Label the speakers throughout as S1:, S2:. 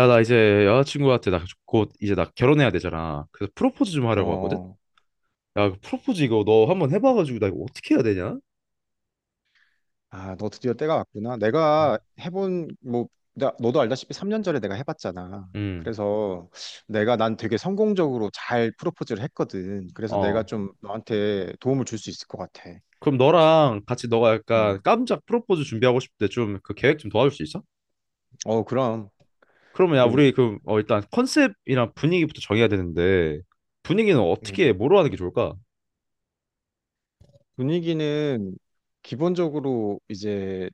S1: 야, 나 이제 여자친구한테 나 곧 이제 나 결혼해야 되잖아. 그래서 프로포즈 좀 하려고 하거든?
S2: 어,
S1: 야, 그 프로포즈 이거 너 한번 해봐가지고 나 이거 어떻게 해야 되냐?
S2: 아, 너 드디어 때가 왔구나.
S1: 음.
S2: 뭐, 너도 알다시피 3년 전에 내가 해봤잖아.
S1: 음,
S2: 그래서 내가 난 되게 성공적으로 잘 프로포즈를 했거든. 그래서 내가
S1: 어.
S2: 좀 너한테 도움을 줄 수 있을 것 같아.
S1: 그럼 너랑 같이 너가 약간
S2: 음.
S1: 깜짝 프로포즈 준비하고 싶을 때 좀 그 계획 좀 도와줄 수 있어?
S2: 어, 그럼,
S1: 그러면 야,
S2: 그,
S1: 우리 그 일단 컨셉이랑 분위기부터 정해야 되는데 분위기는 어떻게,
S2: 음.
S1: 뭐로 하는 게 좋을까?
S2: 분위기는 기본적으로 이제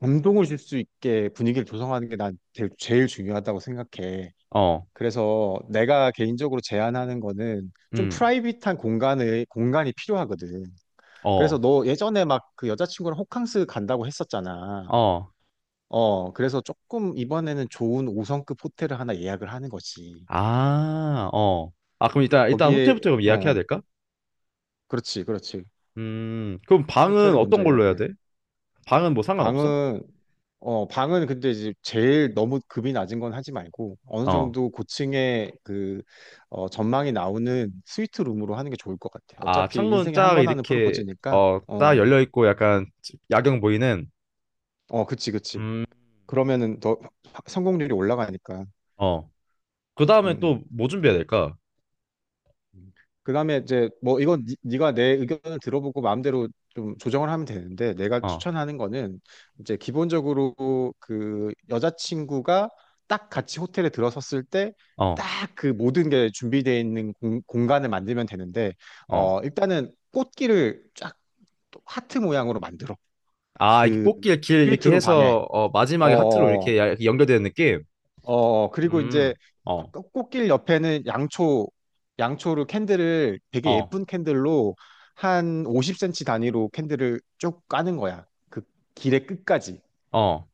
S2: 감동을 줄 수 있게 분위기를 조성하는 게 난 제일 제일 중요하다고 생각해.
S1: 어,
S2: 그래서 내가 개인적으로 제안하는 거는 좀
S1: 음,
S2: 프라이빗한 공간의 공간이 필요하거든. 그래서
S1: 어,
S2: 너 예전에 막 그 여자친구랑 호캉스 간다고 했었잖아.
S1: 어,
S2: 어, 그래서 조금 이번에는 좋은 5성급 호텔을 하나 예약을 하는 거지.
S1: 아, 어. 아, 그럼 일단
S2: 거기에
S1: 호텔부터 그럼 예약해야
S2: 어,
S1: 될까?
S2: 그렇지, 그렇지.
S1: 그럼 방은
S2: 호텔을 먼저
S1: 어떤 걸로 해야
S2: 예약을.
S1: 돼? 방은 뭐 상관없어?
S2: 방은, 방은 근데 이제 제일 너무 급이 낮은 건 하지 말고 어느
S1: 어.
S2: 정도 고층의 그, 전망이 나오는 스위트 룸으로 하는 게 좋을 것 같아.
S1: 아,
S2: 어차피
S1: 창문
S2: 인생에 한
S1: 쫙
S2: 번 하는
S1: 이렇게
S2: 프로포즈니까.
S1: 어, 딱 열려 있고 약간 야경 보이는.
S2: 그치 그치.
S1: 음.
S2: 그러면은 더 성공률이 올라가니까.
S1: 어.
S2: 음.
S1: 그다음에
S2: 음.
S1: 또 뭐 준비해야 될까?
S2: 그다음에 이제 뭐 이건 네가 내 의견을 들어보고 마음대로 좀 조정을 하면 되는데, 내가
S1: 어.
S2: 추천하는 거는 이제 기본적으로 그 여자친구가 딱 같이 호텔에 들어섰을 때
S1: 어.
S2: 딱 그 모든 게 준비되어 있는 공간을 만들면 되는데,
S1: 어.
S2: 일단은 꽃길을 쫙 하트 모양으로 만들어,
S1: 아, 이렇게
S2: 그
S1: 꽃길 길 이렇게
S2: 스위트룸 방에.
S1: 해서 어,
S2: 어
S1: 마지막에 하트로
S2: 어,
S1: 이렇게
S2: 어.
S1: 연결되는 느낌?
S2: 어, 그리고 이제
S1: 음. 어.
S2: 꽃길 옆에는 양초로 캔들을, 되게
S1: 어.
S2: 예쁜 캔들로 한 50cm 단위로 캔들을 쭉 까는 거야, 그 길의 끝까지.
S1: 어.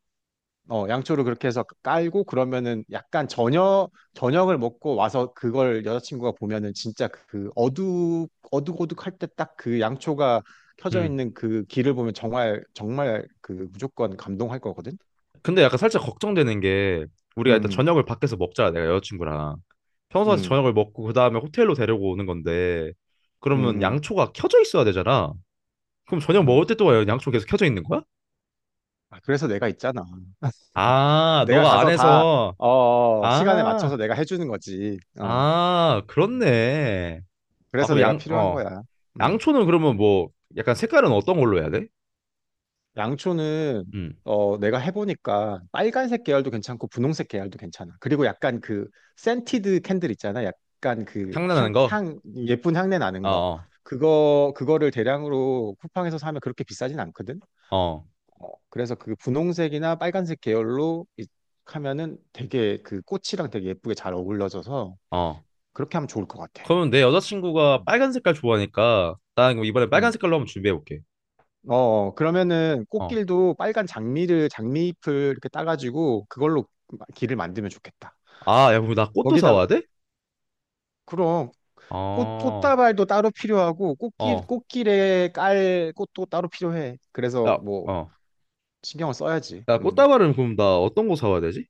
S2: 어, 양초를 그렇게 해서 깔고 그러면은 약간 저녁을 먹고 와서 그걸 여자친구가 보면은 진짜 어둑어둑할 때 딱 그 양초가 켜져
S1: 음.
S2: 있는 그 길을 보면 정말, 정말 그 무조건 감동할 거거든?
S1: 근데 약간 살짝 걱정되는 게 우리가 일단
S2: 음,
S1: 저녁을 밖에서 먹자. 내가 여자친구랑 평소같이
S2: 음,
S1: 저녁을 먹고 그다음에 호텔로 데려고 오는 건데
S2: 음,
S1: 그러면
S2: 음,
S1: 양초가 켜져 있어야 되잖아. 그럼 저녁 먹을
S2: 음.
S1: 때 또 와요? 양초 계속 켜져 있는 거야?
S2: 아, 그래서 내가 있잖아.
S1: 아,
S2: 내가
S1: 너가
S2: 가서 다,
S1: 안에서.
S2: 시간에 맞춰서
S1: 아,
S2: 내가 해주는 거지. 어.
S1: 아,
S2: 음.
S1: 그렇네. 아,
S2: 그래서
S1: 그럼
S2: 내가
S1: 양,
S2: 필요한
S1: 어,
S2: 거야. 음.
S1: 양초는 그러면 뭐 약간 색깔은 어떤 걸로 해야 돼?
S2: 양초는,
S1: 음,
S2: 내가 해보니까 빨간색 계열도 괜찮고 분홍색 계열도 괜찮아. 그리고 약간 그 센티드 캔들 있잖아, 약간 그
S1: 장난하는 거?
S2: 향, 예쁜 향내 나는 거.
S1: 어,
S2: 그거를 대량으로 쿠팡에서 사면 그렇게 비싸진 않거든.
S1: 어, 어,
S2: 어, 그래서 그 분홍색이나 빨간색 계열로 하면은 되게 그 꽃이랑 되게 예쁘게 잘 어울러져서,
S1: 어.
S2: 그렇게 하면 좋을 것 같아.
S1: 그러면 내 여자친구가
S2: 음.
S1: 빨간 색깔 좋아하니까 나 그럼 이번에 빨간
S2: 음.
S1: 색깔로 한번 준비해 볼게.
S2: 어, 그러면은
S1: 어,
S2: 꽃길도 빨간 장미잎을 이렇게 따가지고 그걸로 길을 만들면 좋겠다.
S1: 아, 야, 그럼 나 꽃도 사와야
S2: 거기다가,
S1: 돼?
S2: 그럼
S1: 어,
S2: 꽃다발도 따로 필요하고
S1: 어,
S2: 꽃길에 깔 꽃도 따로 필요해. 그래서
S1: 야,
S2: 뭐
S1: 어,
S2: 신경을 써야지.
S1: 야,
S2: 음.
S1: 꽃다발은 그럼 나 어떤 거 사와야 되지?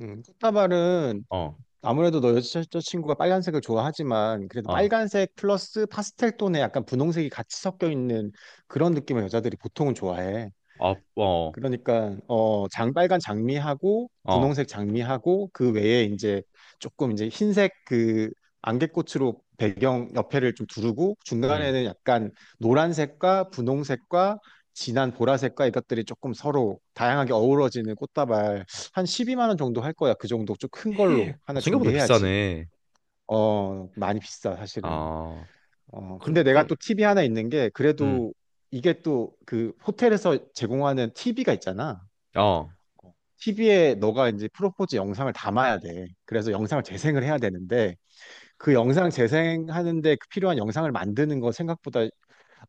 S2: 음. 꽃다발은
S1: 어,
S2: 아무래도 너 여자친구가 빨간색을 좋아하지만 그래도
S1: 어,
S2: 빨간색 플러스 파스텔 톤에 약간 분홍색이 같이 섞여 있는 그런 느낌을 여자들이 보통은 좋아해.
S1: 어, 어,
S2: 그러니까 장빨간 장미하고
S1: 어,
S2: 분홍색 장미하고 그 외에 이제 조금 이제 흰색 그 안개꽃으로 배경 옆에를 좀 두르고,
S1: 음.
S2: 중간에는 약간 노란색과 분홍색과 진한 보라색과 이것들이 조금 서로 다양하게 어우러지는 꽃다발, 한 12만 원 정도 할 거야. 그 정도 좀 큰 걸로
S1: 어,
S2: 하나
S1: 생각보다
S2: 준비해야지.
S1: 비싸네.
S2: 많이 비싸 사실은.
S1: 아,
S2: 근데
S1: 그럼,
S2: 내가
S1: 그럼,
S2: 또 팁이 하나 있는 게,
S1: 음,
S2: 그래도 이게 또 그 호텔에서 제공하는 TV가 있잖아.
S1: 어,
S2: TV에 너가 이제 프로포즈 영상을 담아야 돼. 그래서 영상을 재생을 해야 되는데, 그 영상 재생하는데 그 필요한 영상을 만드는 거 생각보다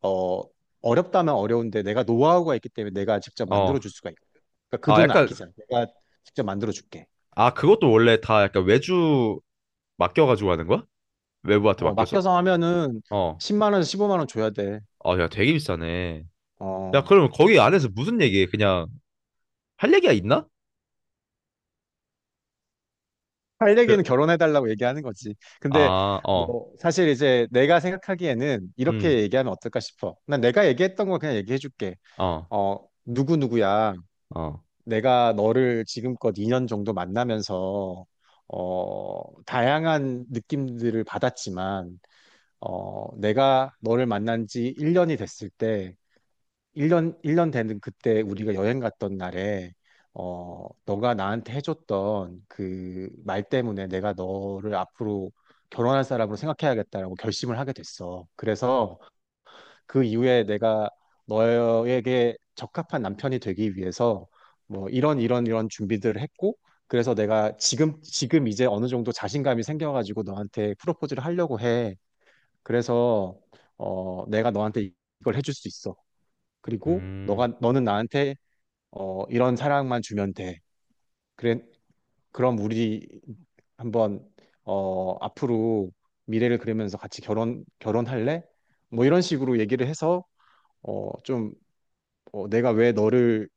S2: 어 어렵다면 어려운데, 내가 노하우가 있기 때문에 내가 직접 만들어
S1: 어.
S2: 줄 수가 있고. 그러니까 그
S1: 아,
S2: 돈
S1: 약간,
S2: 아끼자. 내가 직접 만들어 줄게.
S1: 아, 그것도 원래 다 약간 외주 맡겨가지고 하는 거야? 외부한테 맡겨서?
S2: 맡겨서 하면은
S1: 어.
S2: 10만 원에서 15만 원 줘야 돼.
S1: 아, 야, 되게 비싸네. 야,
S2: 어.
S1: 그럼 거기 안에서 무슨 얘기해? 그냥 할 얘기가 있나?
S2: 할 얘기는
S1: 그,
S2: 결혼해 달라고 얘기하는 거지. 근데
S1: 아, 어,
S2: 뭐 사실 이제 내가 생각하기에는
S1: 음,
S2: 이렇게 얘기하면 어떨까 싶어. 난 내가 얘기했던 거 그냥 얘기해 줄게.
S1: 어,
S2: 어, 누구누구야,
S1: 어,
S2: 내가 너를 지금껏 2년 정도 만나면서, 다양한 느낌들을 받았지만, 내가 너를 만난 지 1년이 됐을 때, 1년 되는 그때 우리가 여행 갔던 날에, 너가 나한테 해줬던 그 말 때문에 내가 너를 앞으로 결혼할 사람으로 생각해야겠다라고 결심을 하게 됐어. 그래서 그 이후에 내가 너에게 적합한 남편이 되기 위해서 뭐 이런 이런 이런 준비들을 했고, 그래서 내가 지금 이제 어느 정도 자신감이 생겨가지고 너한테 프로포즈를 하려고 해. 그래서 내가 너한테 이걸 해줄 수 있어. 그리고
S1: 음.
S2: 너가 너는 나한테 이런 사랑만 주면 돼. 그래. 그럼 우리 한번 앞으로 미래를 그리면서 같이 결혼할래? 뭐 이런 식으로 얘기를 해서, 어좀, 내가 왜 너를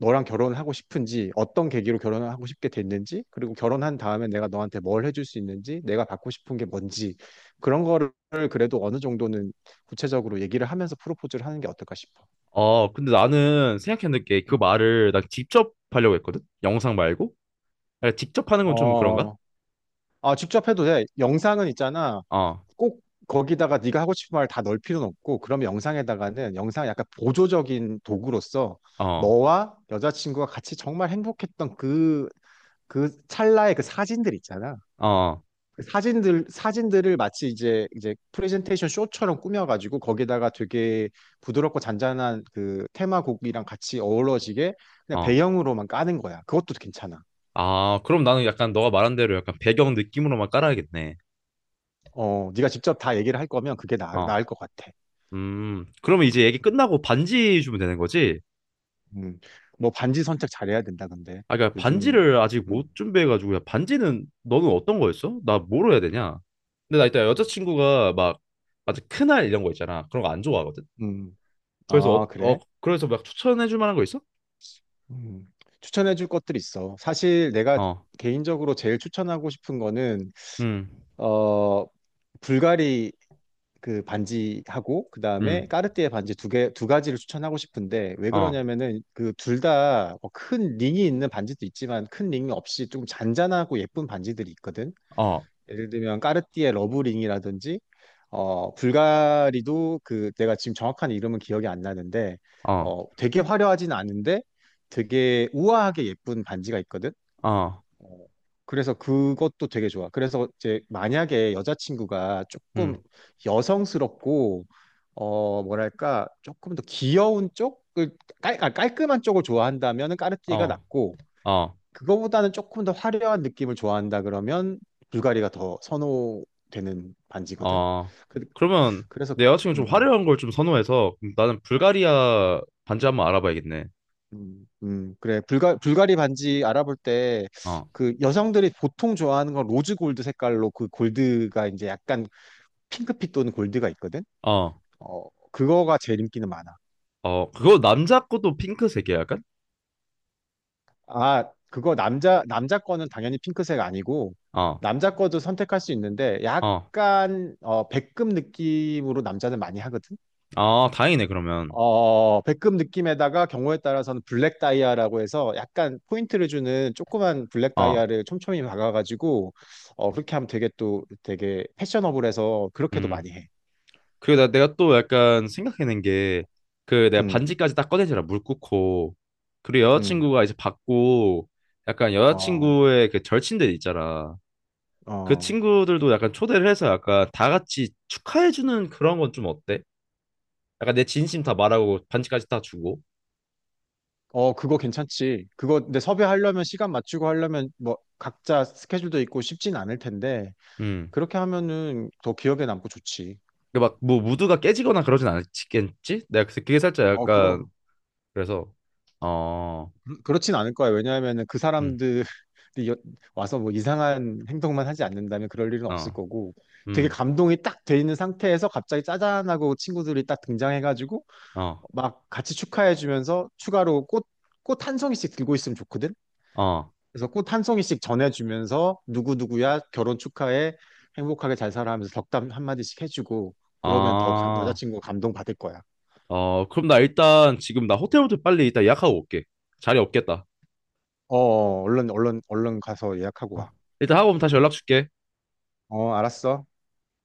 S2: 너랑 결혼을 하고 싶은지, 어떤 계기로 결혼을 하고 싶게 됐는지, 그리고 결혼한 다음에 내가 너한테 뭘 해줄 수 있는지, 내가 받고 싶은 게 뭔지, 그런 거를 그래도 어느 정도는 구체적으로 얘기를 하면서 프로포즈를 하는 게 어떨까 싶어.
S1: 어, 근데 나는 생각했는 게 그
S2: 음.
S1: 말을 난 직접 하려고 했거든? 영상 말고? 야, 직접 하는 건 좀 그런가?
S2: 어, 아, 직접 해도 돼. 영상은 있잖아,
S1: 어,
S2: 꼭 거기다가 네가 하고 싶은 말 다 넣을 필요는 없고. 그럼 영상에다가는, 영상 약간 보조적인 도구로서
S1: 어,
S2: 너와 여자친구가 같이 정말 행복했던 그, 그 찰나의 그 사진들 있잖아,
S1: 어,
S2: 그 사진들을 마치 이제 프레젠테이션 쇼처럼 꾸며가지고 거기다가 되게 부드럽고 잔잔한 그 테마곡이랑 같이 어우러지게 그냥
S1: 어.
S2: 배경으로만 까는 거야. 그것도 괜찮아.
S1: 아, 그럼 나는 약간 너가 말한 대로 약간 배경 느낌으로만 깔아야겠네.
S2: 어, 네가 직접 다 얘기를 할 거면 그게
S1: 어.
S2: 나을 것 같아.
S1: 그러면 이제 얘기 끝나고 반지 주면 되는 거지?
S2: 음, 뭐 반지 선택 잘해야 된다. 근데
S1: 아, 그러니까
S2: 요즘.
S1: 반지를 아직
S2: 음,
S1: 못 준비해가지고, 야, 반지는 너는 어떤 거였어? 나 뭐로 해야 되냐? 근데 나 이따
S2: 음,
S1: 여자친구가 막, 아주 큰알 이런 거 있잖아. 그런 거 안 좋아하거든?
S2: 음.
S1: 그래서,
S2: 아
S1: 어,
S2: 그래?
S1: 어, 그래서 막 추천해줄 만한 거 있어?
S2: 음. 추천해줄 것들 있어. 사실 내가
S1: 어,
S2: 개인적으로 제일 추천하고 싶은 거는
S1: 음,
S2: 어 불가리 그 반지하고 그다음에
S1: 음,
S2: 까르띠에 반지, 두 가지를 추천하고 싶은데 왜
S1: 어,
S2: 그러냐면은 그 둘다 뭐 큰 링이 있는 반지도 있지만 큰 링이 없이 조금 잔잔하고 예쁜 반지들이 있거든.
S1: 어,
S2: 예를 들면 까르띠에 러브링이라든지, 불가리도 그 내가 지금 정확한 이름은 기억이 안 나는데,
S1: 어,
S2: 되게 화려하진 않은데 되게 우아하게 예쁜 반지가 있거든.
S1: 어,
S2: 어, 그래서 그것도 되게 좋아. 그래서 이제 만약에 여자친구가
S1: 음,
S2: 조금 여성스럽고, 어, 뭐랄까, 조금 더 귀여운 쪽을, 깔끔한 쪽을 좋아한다면 까르띠에가
S1: 어,
S2: 낫고,
S1: 어.
S2: 그거보다는 조금 더 화려한 느낌을 좋아한다 그러면 불가리가 더 선호되는 반지거든.
S1: 아,
S2: 그,
S1: 그러면
S2: 그래서,
S1: 내 여자친구 좀
S2: 음,
S1: 화려한 걸 좀 선호해서 그럼 나는 불가리아 반지 한번 알아봐야겠네.
S2: 음, 음, 그래. 불가리 반지 알아볼 때,
S1: 어,
S2: 그 여성들이 보통 좋아하는 건 로즈 골드 색깔로, 그 골드가 이제 약간 핑크빛 또는 골드가 있거든.
S1: 어,
S2: 어, 그거가 제일 인기는 많아.
S1: 어, 그거 남자 것도 핑크색이야, 약간?
S2: 아, 그거 남자 거는 당연히 핑크색 아니고,
S1: 어,
S2: 남자 거도 선택할 수 있는데
S1: 어,
S2: 약간 백금 느낌으로 남자는 많이 하거든.
S1: 아, 다행이네, 그러면.
S2: 어, 백금 느낌에다가 경우에 따라서는 블랙 다이아라고 해서 약간 포인트를 주는 조그만 블랙
S1: 어,
S2: 다이아를 촘촘히 박아가지고, 어, 그렇게 하면 되게 또 되게 패셔너블해서 그렇게도
S1: 음.
S2: 많이 해.
S1: 그리고 내가 또 약간 생각해낸 게, 그 내가
S2: 음,
S1: 반지까지 딱 꺼내잖아, 물 끓고. 그리고
S2: 음,
S1: 여자친구가 이제 받고, 약간
S2: 어,
S1: 여자친구의 그 절친들 있잖아. 그
S2: 어.
S1: 친구들도 약간 초대를 해서 약간 다 같이 축하해주는 그런 건 좀 어때? 약간 내 진심 다 말하고 반지까지 다 주고.
S2: 어, 그거 괜찮지. 그거, 근데 섭외하려면 시간 맞추고 하려면 뭐 각자 스케줄도 있고 쉽진 않을 텐데,
S1: 음.
S2: 그렇게 하면은 더 기억에 남고 좋지.
S1: 막뭐 무드가 깨지거나 그러진 않겠지? 내가 그래서 그게 살짝
S2: 어,
S1: 약간
S2: 그럼.
S1: 그래서 어,
S2: 그렇진 않을 거야. 왜냐하면은 그
S1: 음,
S2: 사람들이 여- 와서 뭐 이상한 행동만 하지 않는다면 그럴 일은 없을
S1: 어,
S2: 거고, 되게
S1: 음,
S2: 감동이 딱 돼 있는 상태에서 갑자기 짜잔하고 친구들이 딱 등장해가지고
S1: 어,
S2: 막 같이 축하해주면서 추가로 꽃 한 송이씩 들고 있으면 좋거든?
S1: 어,
S2: 그래서 꽃 한 송이씩 전해주면서, 누구누구야 결혼 축하해, 행복하게 잘 살아 하면서 덕담 한마디씩 해주고 그러면 더
S1: 아,
S2: 여자친구 감동받을 거야.
S1: 어, 그럼 나 일단 지금 나 호텔부터 빨리 일단 예약하고 올게. 자리 없겠다.
S2: 어, 어, 얼른 얼른 얼른 가서 예약하고
S1: 어,
S2: 와.
S1: 일단 하고 오면 다시
S2: 어,
S1: 연락 줄게.
S2: 어, 알았어.